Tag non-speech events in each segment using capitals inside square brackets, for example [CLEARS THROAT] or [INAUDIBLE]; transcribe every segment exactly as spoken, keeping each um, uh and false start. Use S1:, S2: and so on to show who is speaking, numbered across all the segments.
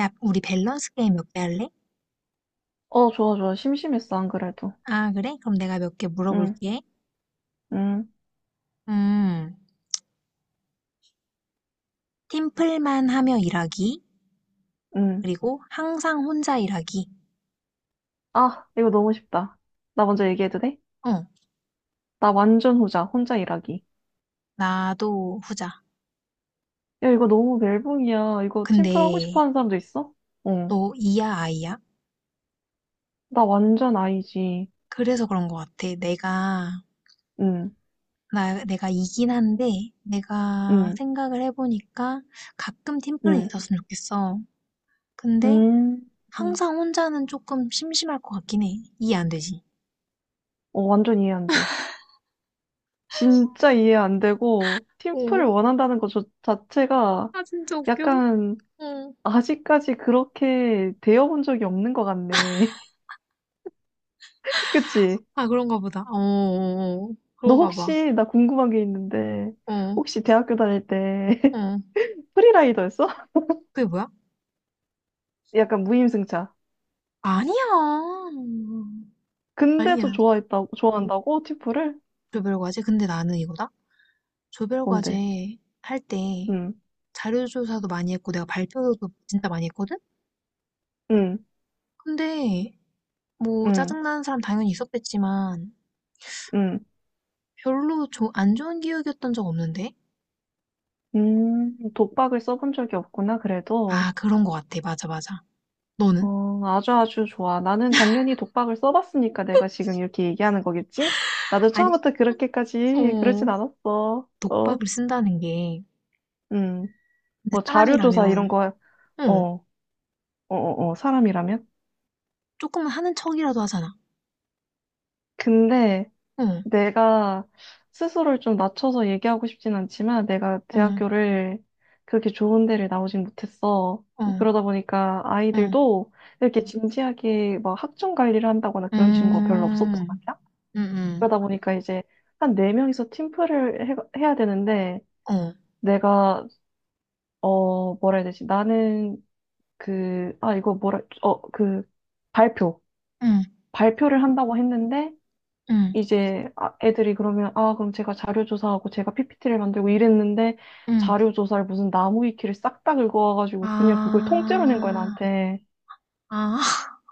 S1: 야, 우리 밸런스 게임 몇 개 할래?
S2: 어, 좋아, 좋아. 심심했어, 안 그래도.
S1: 아, 그래? 그럼 내가 몇 개
S2: 응,
S1: 물어볼게.
S2: 응,
S1: 음, 팀플만 하며 일하기,
S2: 응.
S1: 그리고 항상 혼자 일하기.
S2: 아, 이거 너무 쉽다. 나 먼저 얘기해도 돼?
S1: 어,
S2: 나 완전 후자, 혼자 일하기.
S1: 나도 후자.
S2: 야, 이거 너무 멜붕이야. 이거 팀플 하고
S1: 근데
S2: 싶어 하는 사람도 있어? 응.
S1: 너 이야, 아이야?
S2: 나 완전 아이지.
S1: 그래서 그런 것 같아. 내가,
S2: 응,
S1: 나, 내가 이긴 한데, 내가
S2: 응,
S1: 생각을 해보니까 가끔 팀플은
S2: 응,
S1: 있었으면 좋겠어. 근데
S2: 응. 응.
S1: 항상 혼자는 조금 심심할 것 같긴 해. 이해 안 되지?
S2: 어, 완전 이해 안 돼. 진짜 이해 안 되고,
S1: 어,
S2: 팀플을 원한다는 것 저- 자체가
S1: 아, 진짜 웃겨.
S2: 약간
S1: 어.
S2: 아직까지 그렇게 되어본 적이 없는 것 같네. [LAUGHS] 그치?
S1: 아, 그런가 보다. 어, 어, 어.
S2: 너
S1: 그런가 봐.
S2: 혹시 나 궁금한 게 있는데
S1: 어,
S2: 혹시 대학교 다닐 때 [LAUGHS]
S1: 어.
S2: 프리라이더였어? [LAUGHS]
S1: 그게 뭐야?
S2: 약간 무임승차.
S1: 아니야.
S2: 근데 또
S1: 아니야.
S2: 좋아했다고 좋아한다고 티프를?
S1: 조별과제? 근데 나는 이거다.
S2: 뭔데?
S1: 조별과제 할 때
S2: 응,
S1: 자료조사도 많이 했고 내가 발표도 진짜 많이 했거든?
S2: 응,
S1: 근데 뭐
S2: 응,
S1: 짜증나는 사람 당연히 있었겠지만
S2: 응.
S1: 별로 조, 안 좋은 기억이었던 적 없는데?
S2: 음, 독박을 써본 적이 없구나, 그래도.
S1: 아, 그런 거 같아. 맞아, 맞아. 너는?
S2: 어, 아주 아주 좋아. 나는 당연히 독박을 써봤으니까 내가 지금 이렇게 얘기하는 거겠지? 나도
S1: 아니,
S2: 처음부터 그렇게까지
S1: 어,
S2: 그러진 않았어. 어,
S1: 독박을 쓴다는 게,
S2: 음,
S1: 근데
S2: 뭐 자료조사 이런
S1: 사람이라면,
S2: 거, 어,
S1: 응,
S2: 어, 어, 어, 사람이라면?
S1: 조금은 하는 척이라도 하잖아.
S2: 근데
S1: 응,
S2: 내가 스스로를 좀 낮춰서 얘기하고 싶진 않지만 내가
S1: 응,
S2: 대학교를 그렇게 좋은 데를 나오진 못했어.
S1: 응,
S2: 그러다 보니까
S1: 응,
S2: 아이들도 이렇게 진지하게 막 학점 관리를 한다거나 그런 친구가 별로 없었단
S1: 음,
S2: 말이야.
S1: 음, 음,
S2: 그러다 보니까 이제 한 네명이서 팀플을 해, 해야 되는데
S1: 어,
S2: 내가 어 뭐라 해야 되지? 나는 그 아 이거 뭐라 어 그 발표
S1: 응,
S2: 발표를 한다고 했는데
S1: 응,
S2: 이제 아- 애들이 그러면 아 그럼 제가 자료 조사하고 제가 피피티를 만들고 이랬는데,
S1: 응,
S2: 자료 조사를 무슨 나무 위키를 싹 다 긁어와가지고 그냥 그걸 통째로 낸 거야
S1: 아,
S2: 나한테.
S1: 아,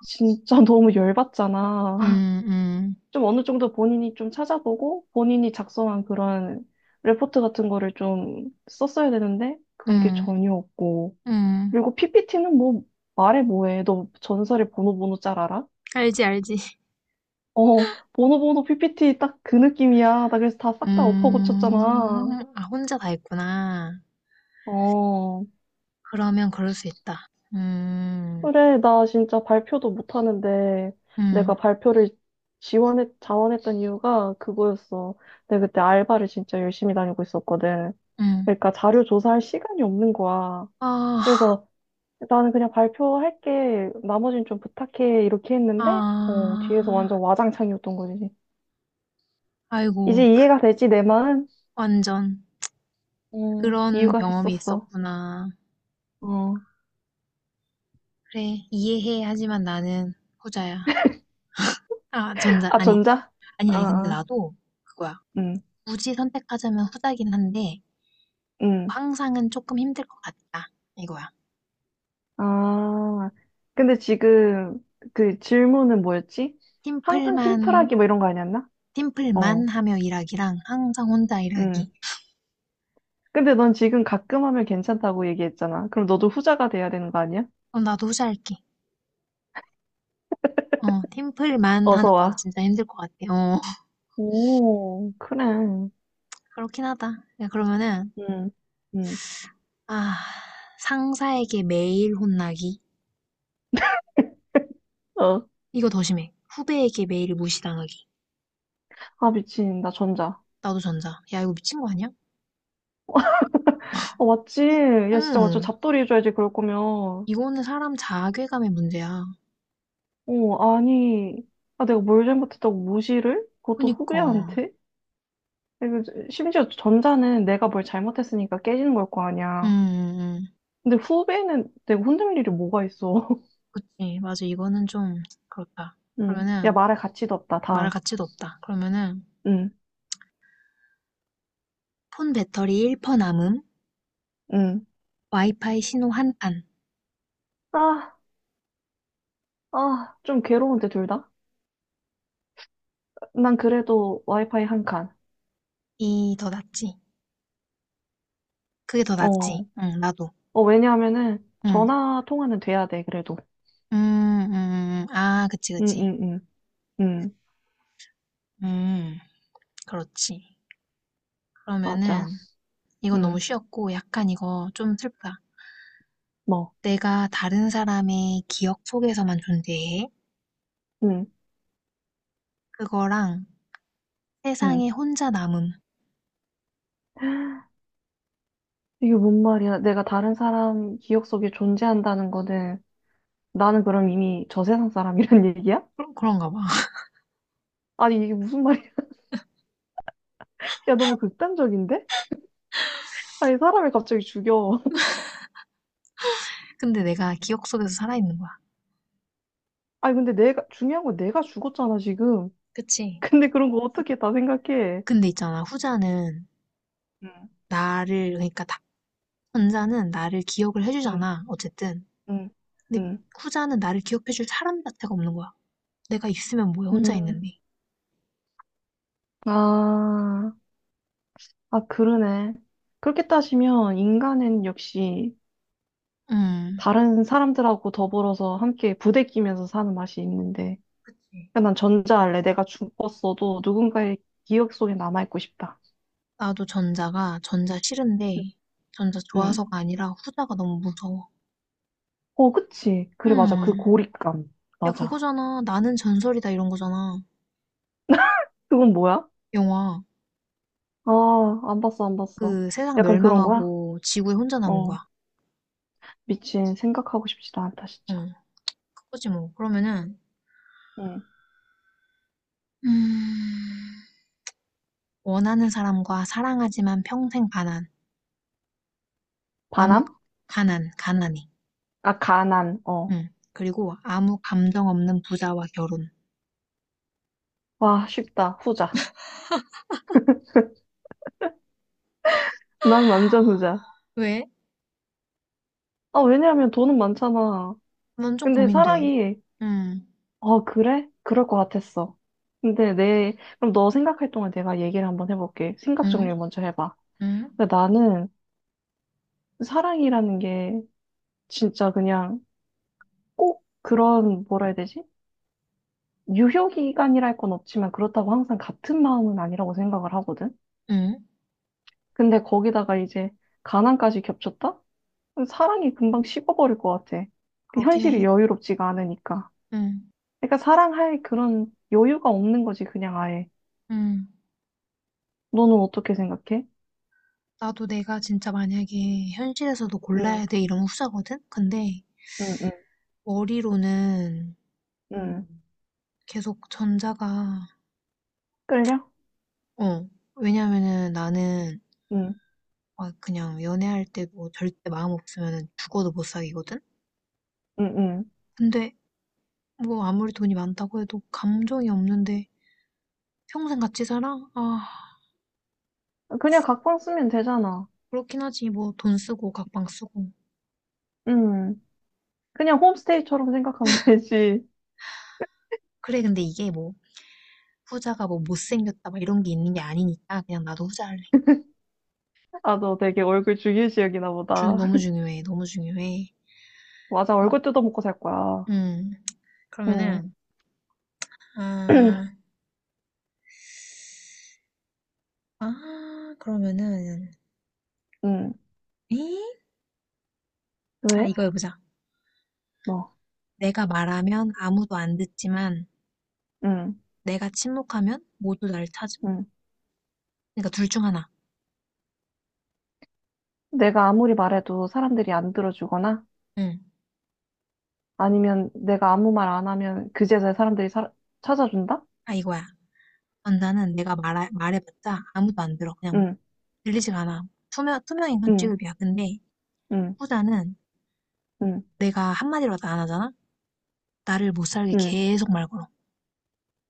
S2: 진짜 [LAUGHS] 너무 열받잖아.
S1: 음, 음,
S2: [LAUGHS] 좀 어느 정도 본인이 좀 찾아보고 본인이 작성한 그런 레포트 같은 거를 좀 썼어야 되는데 그런 게
S1: 음,
S2: 전혀 없고,
S1: 음,
S2: 그리고 피피티는 뭐 말해 뭐해. 너 전설의 보노보노 잘 알아?
S1: 알지, 알지.
S2: 어 보노보노 피피티 딱 그 느낌이야 나. 그래서 다 싹 다
S1: 음,
S2: 엎어고쳤잖아.
S1: 아, 혼자 다 했구나.
S2: 어,
S1: 그러면 그럴 수 있다. 음,
S2: 그래, 나 진짜 발표도 못하는데, 내가
S1: 음,
S2: 발표를 지원했, 자원했던 이유가 그거였어. 내가 그때 알바를 진짜 열심히 다니고 있었거든.
S1: 음,
S2: 그러니까 자료 조사할 시간이 없는 거야.
S1: 아,
S2: 그래서 나는 그냥 발표할게, 나머지는 좀 부탁해, 이렇게 했는데, 어, 뒤에서
S1: 아,
S2: 완전 와장창이었던 거지. 이제
S1: 아이고, 그-
S2: 이해가 되지, 내 마음?
S1: 완전
S2: 음,
S1: 그런
S2: 이유가
S1: 경험이
S2: 있었어.
S1: 있었구나.
S2: 어.
S1: 그래, 이해해. 하지만 나는 후자야. 아, 전자,
S2: 아,
S1: 아니,
S2: 전자?
S1: 아니,
S2: 아,
S1: 아니, 근데
S2: 아,
S1: 나도 그거야.
S2: 응,
S1: 굳이 선택하자면 후자긴 한데,
S2: 응.
S1: 항상은 조금 힘들 것 같다. 이거야.
S2: 아, 근데 지금 그 질문은 뭐였지? 항상
S1: 팀플만,
S2: 팀플하기 뭐 이런 거 아니었나?
S1: 팀플만
S2: 어,
S1: 하며 일하기랑 항상 혼자
S2: 음.
S1: 일하기.
S2: 근데 넌 지금 가끔 하면 괜찮다고 얘기했잖아. 그럼 너도 후자가 돼야 되는 거 아니야?
S1: 어, 나도 후자할게. 어, 팀플만 하는
S2: 어서
S1: 건
S2: 와.
S1: 진짜 힘들 것 같아. 어, [LAUGHS]
S2: 오, 그래. 음,
S1: 그렇긴 하다. 야, 그러면은,
S2: 음.
S1: 아, 상사에게 매일 혼나기.
S2: 어,
S1: 이거 더 심해. 후배에게 매일 무시당하기.
S2: 아, 미친. 나 전자.
S1: 나도 전자. 야, 이거 미친 거 아니야?
S2: 어, 맞지? 야, 진짜 맞죠?
S1: 응.
S2: 잡돌이 해줘야지, 그럴 거면.
S1: 이거는 사람 자괴감의 문제야.
S2: 어, 아니. 아, 내가 뭘 잘못했다고 무시를? 그것도
S1: 그니까.
S2: 후배한테? 그리고 심지어 전자는 내가 뭘 잘못했으니까 깨지는 걸 거
S1: 음,
S2: 아니야.
S1: 음, 음.
S2: 근데 후배는 내가 혼낼 일이 뭐가 있어. [LAUGHS]
S1: 그치. 맞아. 이거는 좀 그렇다.
S2: 응. 야,
S1: 그러면은
S2: 말할 가치도 없다,
S1: 말할
S2: 다음.
S1: 가치도 없다. 그러면은
S2: 응,
S1: 폰 배터리 일 퍼센트 남음,
S2: 응.
S1: 와이파이 신호 한 판.
S2: 아, 아, 좀 괴로운데, 둘 다? 난 그래도 와이파이 한 칸.
S1: 이 더 낫지. 그게 더 낫지.
S2: 어.
S1: 응, 나도.
S2: 어, 왜냐하면은
S1: 응.
S2: 전화 통화는 돼야 돼, 그래도.
S1: 음, 음, 음. 음, 음. 아, 그치,
S2: 응,
S1: 그치.
S2: 응, 응, 응.
S1: 음, 그렇지.
S2: 맞아.
S1: 그러면은 이건 너무
S2: 응,
S1: 쉬웠고 약간 이거 좀 슬프다.
S2: 뭐,
S1: 내가 다른 사람의 기억 속에서만 존재해.
S2: 응,
S1: 그거랑
S2: 응.
S1: 세상에 혼자 남음.
S2: 이게 뭔 말이야. 내가 다른 사람 기억 속에 존재한다는 거는 나는 그럼 이미 저 세상 사람이란 [LAUGHS] 얘기야?
S1: 그런, 그런가 봐.
S2: 아니, 이게 무슨 말이야? [LAUGHS] 야, 너무 극단적인데? 아니, 사람을 갑자기 죽여. [LAUGHS]
S1: 근데 내가 기억 속에서 살아있는 거야.
S2: 아니, 근데 내가, 중요한 건 내가 죽었잖아, 지금.
S1: 그치?
S2: [LAUGHS] 근데 그런 거 어떻게 다 생각해?
S1: 근데 있잖아, 후자는
S2: 응,
S1: 나를, 그러니까 다, 전자는 나를 기억을
S2: 응,
S1: 해주잖아, 어쨌든.
S2: 응,
S1: 근데
S2: 응.
S1: 후자는 나를 기억해줄 사람 자체가 없는 거야. 내가 있으면 뭐해, 혼자
S2: 음,
S1: 있는데.
S2: 아, 아, 그러네. 그렇게 따지면 인간은 역시
S1: 음,
S2: 다른 사람들하고 더불어서 함께 부대끼면서 사는 맛이 있는데.
S1: 그치.
S2: 그난 전자할래. 내가 죽었어도 누군가의 기억 속에 남아있고 싶다.
S1: 나도 전자가, 전자 싫은데, 전자
S2: 응.
S1: 좋아서가 아니라 후자가 너무 무서워.
S2: 어, 그치. 그래, 맞아. 그
S1: 음,
S2: 고립감.
S1: 야,
S2: 맞아.
S1: 그거잖아. 나는 전설이다, 이런 거잖아.
S2: 그건 뭐야?
S1: 영화.
S2: 아, 안 봤어, 안 봤어.
S1: 그 세상
S2: 약간 그런 거야?
S1: 멸망하고 지구에 혼자 남은
S2: 어,
S1: 거야.
S2: 미친, 생각하고 싶지도 않다, 진짜.
S1: 응, 그거지 뭐. 그러면은,
S2: 응.
S1: 음, 원하는 사람과 사랑하지만 평생 가난. 아무,
S2: 반함?
S1: 가난, 가난이.
S2: 아, 가난, 어.
S1: 응. 그리고 아무 감정 없는 부자와 결혼.
S2: 와, 쉽다. 후자. 난 완전 후자.
S1: 왜?
S2: 아, 왜냐하면 돈은 많잖아.
S1: 난 좀
S2: 근데
S1: 고민돼.
S2: 사랑이,
S1: 응,
S2: 어, 그래? 그럴 것 같았어. 근데 내, 그럼 너 생각할 동안 내가 얘기를 한번 해볼게. 생각
S1: 응,
S2: 정리를 먼저 해봐.
S1: 응,
S2: 근데 나는 사랑이라는 게 진짜 그냥 꼭 그런, 뭐라 해야 되지? 유효 기간이랄 건 없지만 그렇다고 항상 같은 마음은 아니라고 생각을 하거든.
S1: 응.
S2: 근데 거기다가 이제 가난까지 겹쳤다? 사랑이 금방 식어버릴 것 같아. 그
S1: 그렇긴
S2: 현실이
S1: 해.
S2: 여유롭지가 않으니까.
S1: 응,
S2: 그러니까 사랑할 그런 여유가 없는 거지, 그냥 아예.
S1: 응.
S2: 너는 어떻게 생각해?
S1: 나도 내가 진짜 만약에 현실에서도
S2: 응,
S1: 골라야 돼 이런 후자거든? 근데
S2: 응, 응,
S1: 머리로는
S2: 응.
S1: 계속 전자가,
S2: 끌려?
S1: 어. 왜냐면은 나는
S2: 응,
S1: 아 그냥 연애할 때 뭐 절대 마음 없으면은 죽어도 못 사귀거든?
S2: 응,
S1: 근데 뭐 아무리 돈이 많다고 해도 감정이 없는데 평생 같이 살아? 아,
S2: 응. 그냥 각방 쓰면 되잖아.
S1: 그렇긴 하지. 뭐 돈 쓰고 각방 쓰고.
S2: 응. 그냥 홈스테이처럼 생각하면 되지.
S1: 그래, 근데 이게 뭐 후자가 뭐 못생겼다 막 이런 게 있는 게 아니니까 그냥 나도 후자 할래.
S2: 아, 너 되게 얼굴 주위 지역이나
S1: 중,
S2: 보다.
S1: 너무
S2: [LAUGHS]
S1: 중요해. 너무 중요해.
S2: 맞아,
S1: 그럼,
S2: 얼굴 뜯어먹고 살 거야.
S1: 음,
S2: 응.
S1: 그러면은, 아,
S2: [CLEARS THROAT]
S1: 아, 그러면은,
S2: 응.
S1: 에이? 아,
S2: 왜?
S1: 이거 해보자.
S2: 뭐.
S1: 내가 말하면 아무도 안 듣지만
S2: 응.
S1: 내가 침묵하면 모두 날 찾음?
S2: 응.
S1: 그러니까 둘 중 하나.
S2: 내가 아무리 말해도 사람들이 안 들어주거나
S1: 응.
S2: 아니면 내가 아무 말 안 하면 그제서야 사람들이 사- 찾아준다?
S1: 아 이거야. 전자는 내가 말해, 말해봤자 아무도 안 들어. 그냥
S2: 응.
S1: 들리지가 않아. 투명, 투명인간
S2: 응.
S1: 취급이야. 근데
S2: 응.
S1: 후자는
S2: 응.
S1: 내가 한마디로도 안 하잖아? 나를 못 살게
S2: 응.
S1: 계속 말 걸어.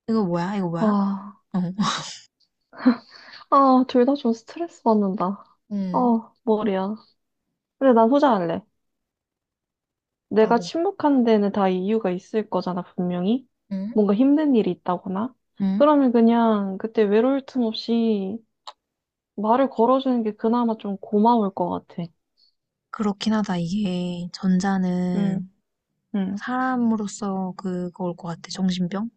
S1: 이거 뭐야? 이거 뭐야?
S2: 아.
S1: 어. [LAUGHS]
S2: 아, 둘 다 좀 스트레스 받는다.
S1: 응.
S2: 아, 머리야. 근데 난 후자할래. 내가
S1: 나도.
S2: 침묵하는 데는 다 이유가 있을 거잖아, 분명히.
S1: 응.
S2: 뭔가 힘든 일이 있다거나.
S1: 응?
S2: 그러면 그냥 그때 외로울 틈 없이 말을 걸어주는 게 그나마 좀 고마울 것 같아.
S1: 그렇긴 하다. 이게
S2: 응,
S1: 전자는
S2: 응.
S1: 사람으로서 그거올 것 같아. 정신병?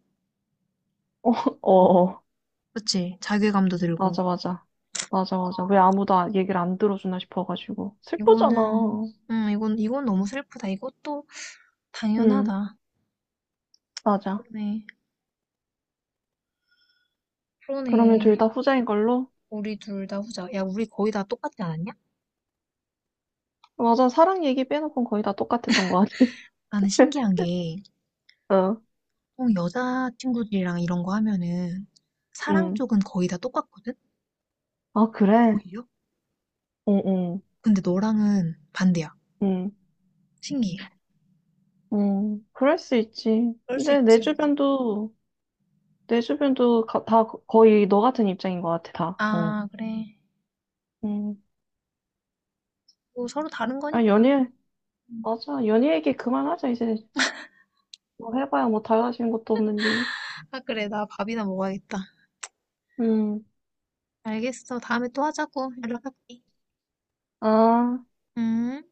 S2: 어, 어.
S1: 그치? 자괴감도 들고.
S2: 맞아, 맞아. 맞아, 맞아. 왜 아무도 아- 얘기를 안 들어주나 싶어가지고. 슬프잖아.
S1: 이거는, 응 이건, 이건 너무 슬프다. 이것도
S2: 응,
S1: 당연하다.
S2: 맞아.
S1: 그러네.
S2: 그러면 둘
S1: 그러네.
S2: 다 후자인 걸로?
S1: 우리 둘 다 후자. 야, 우리 거의 다 똑같지 않았냐?
S2: 맞아, 사랑 얘기 빼놓고는 거의 다 똑같았던 것 같아.
S1: 나는 신기한
S2: [LAUGHS]
S1: 게,
S2: 어,
S1: 보통 여자 친구들이랑 이런 거 하면은, 사랑
S2: 응.
S1: 쪽은 거의 다 똑같거든?
S2: 아, 그래?
S1: 오히려?
S2: 응, 응,
S1: 근데 너랑은 반대야.
S2: 응,
S1: 신기해.
S2: 응. 그럴 수 있지.
S1: 그럴 수
S2: 근데 내
S1: 있지.
S2: 주변도, 내 주변도 가- 다 거- 거의 너 같은 입장인 것 같아, 다. 어.
S1: 아, 그래.
S2: 응.
S1: 뭐 서로 다른
S2: 아,
S1: 거니까.
S2: 연애,
S1: 음.
S2: 맞아. 연애 얘기 그만하자, 이제. 뭐 해봐야 뭐 달라지는 것도 없는데.
S1: 아, 그래. 나 밥이나 먹어야겠다.
S2: 음.
S1: 알겠어. 다음에 또 하자고. 연락할게.
S2: 아,
S1: 음.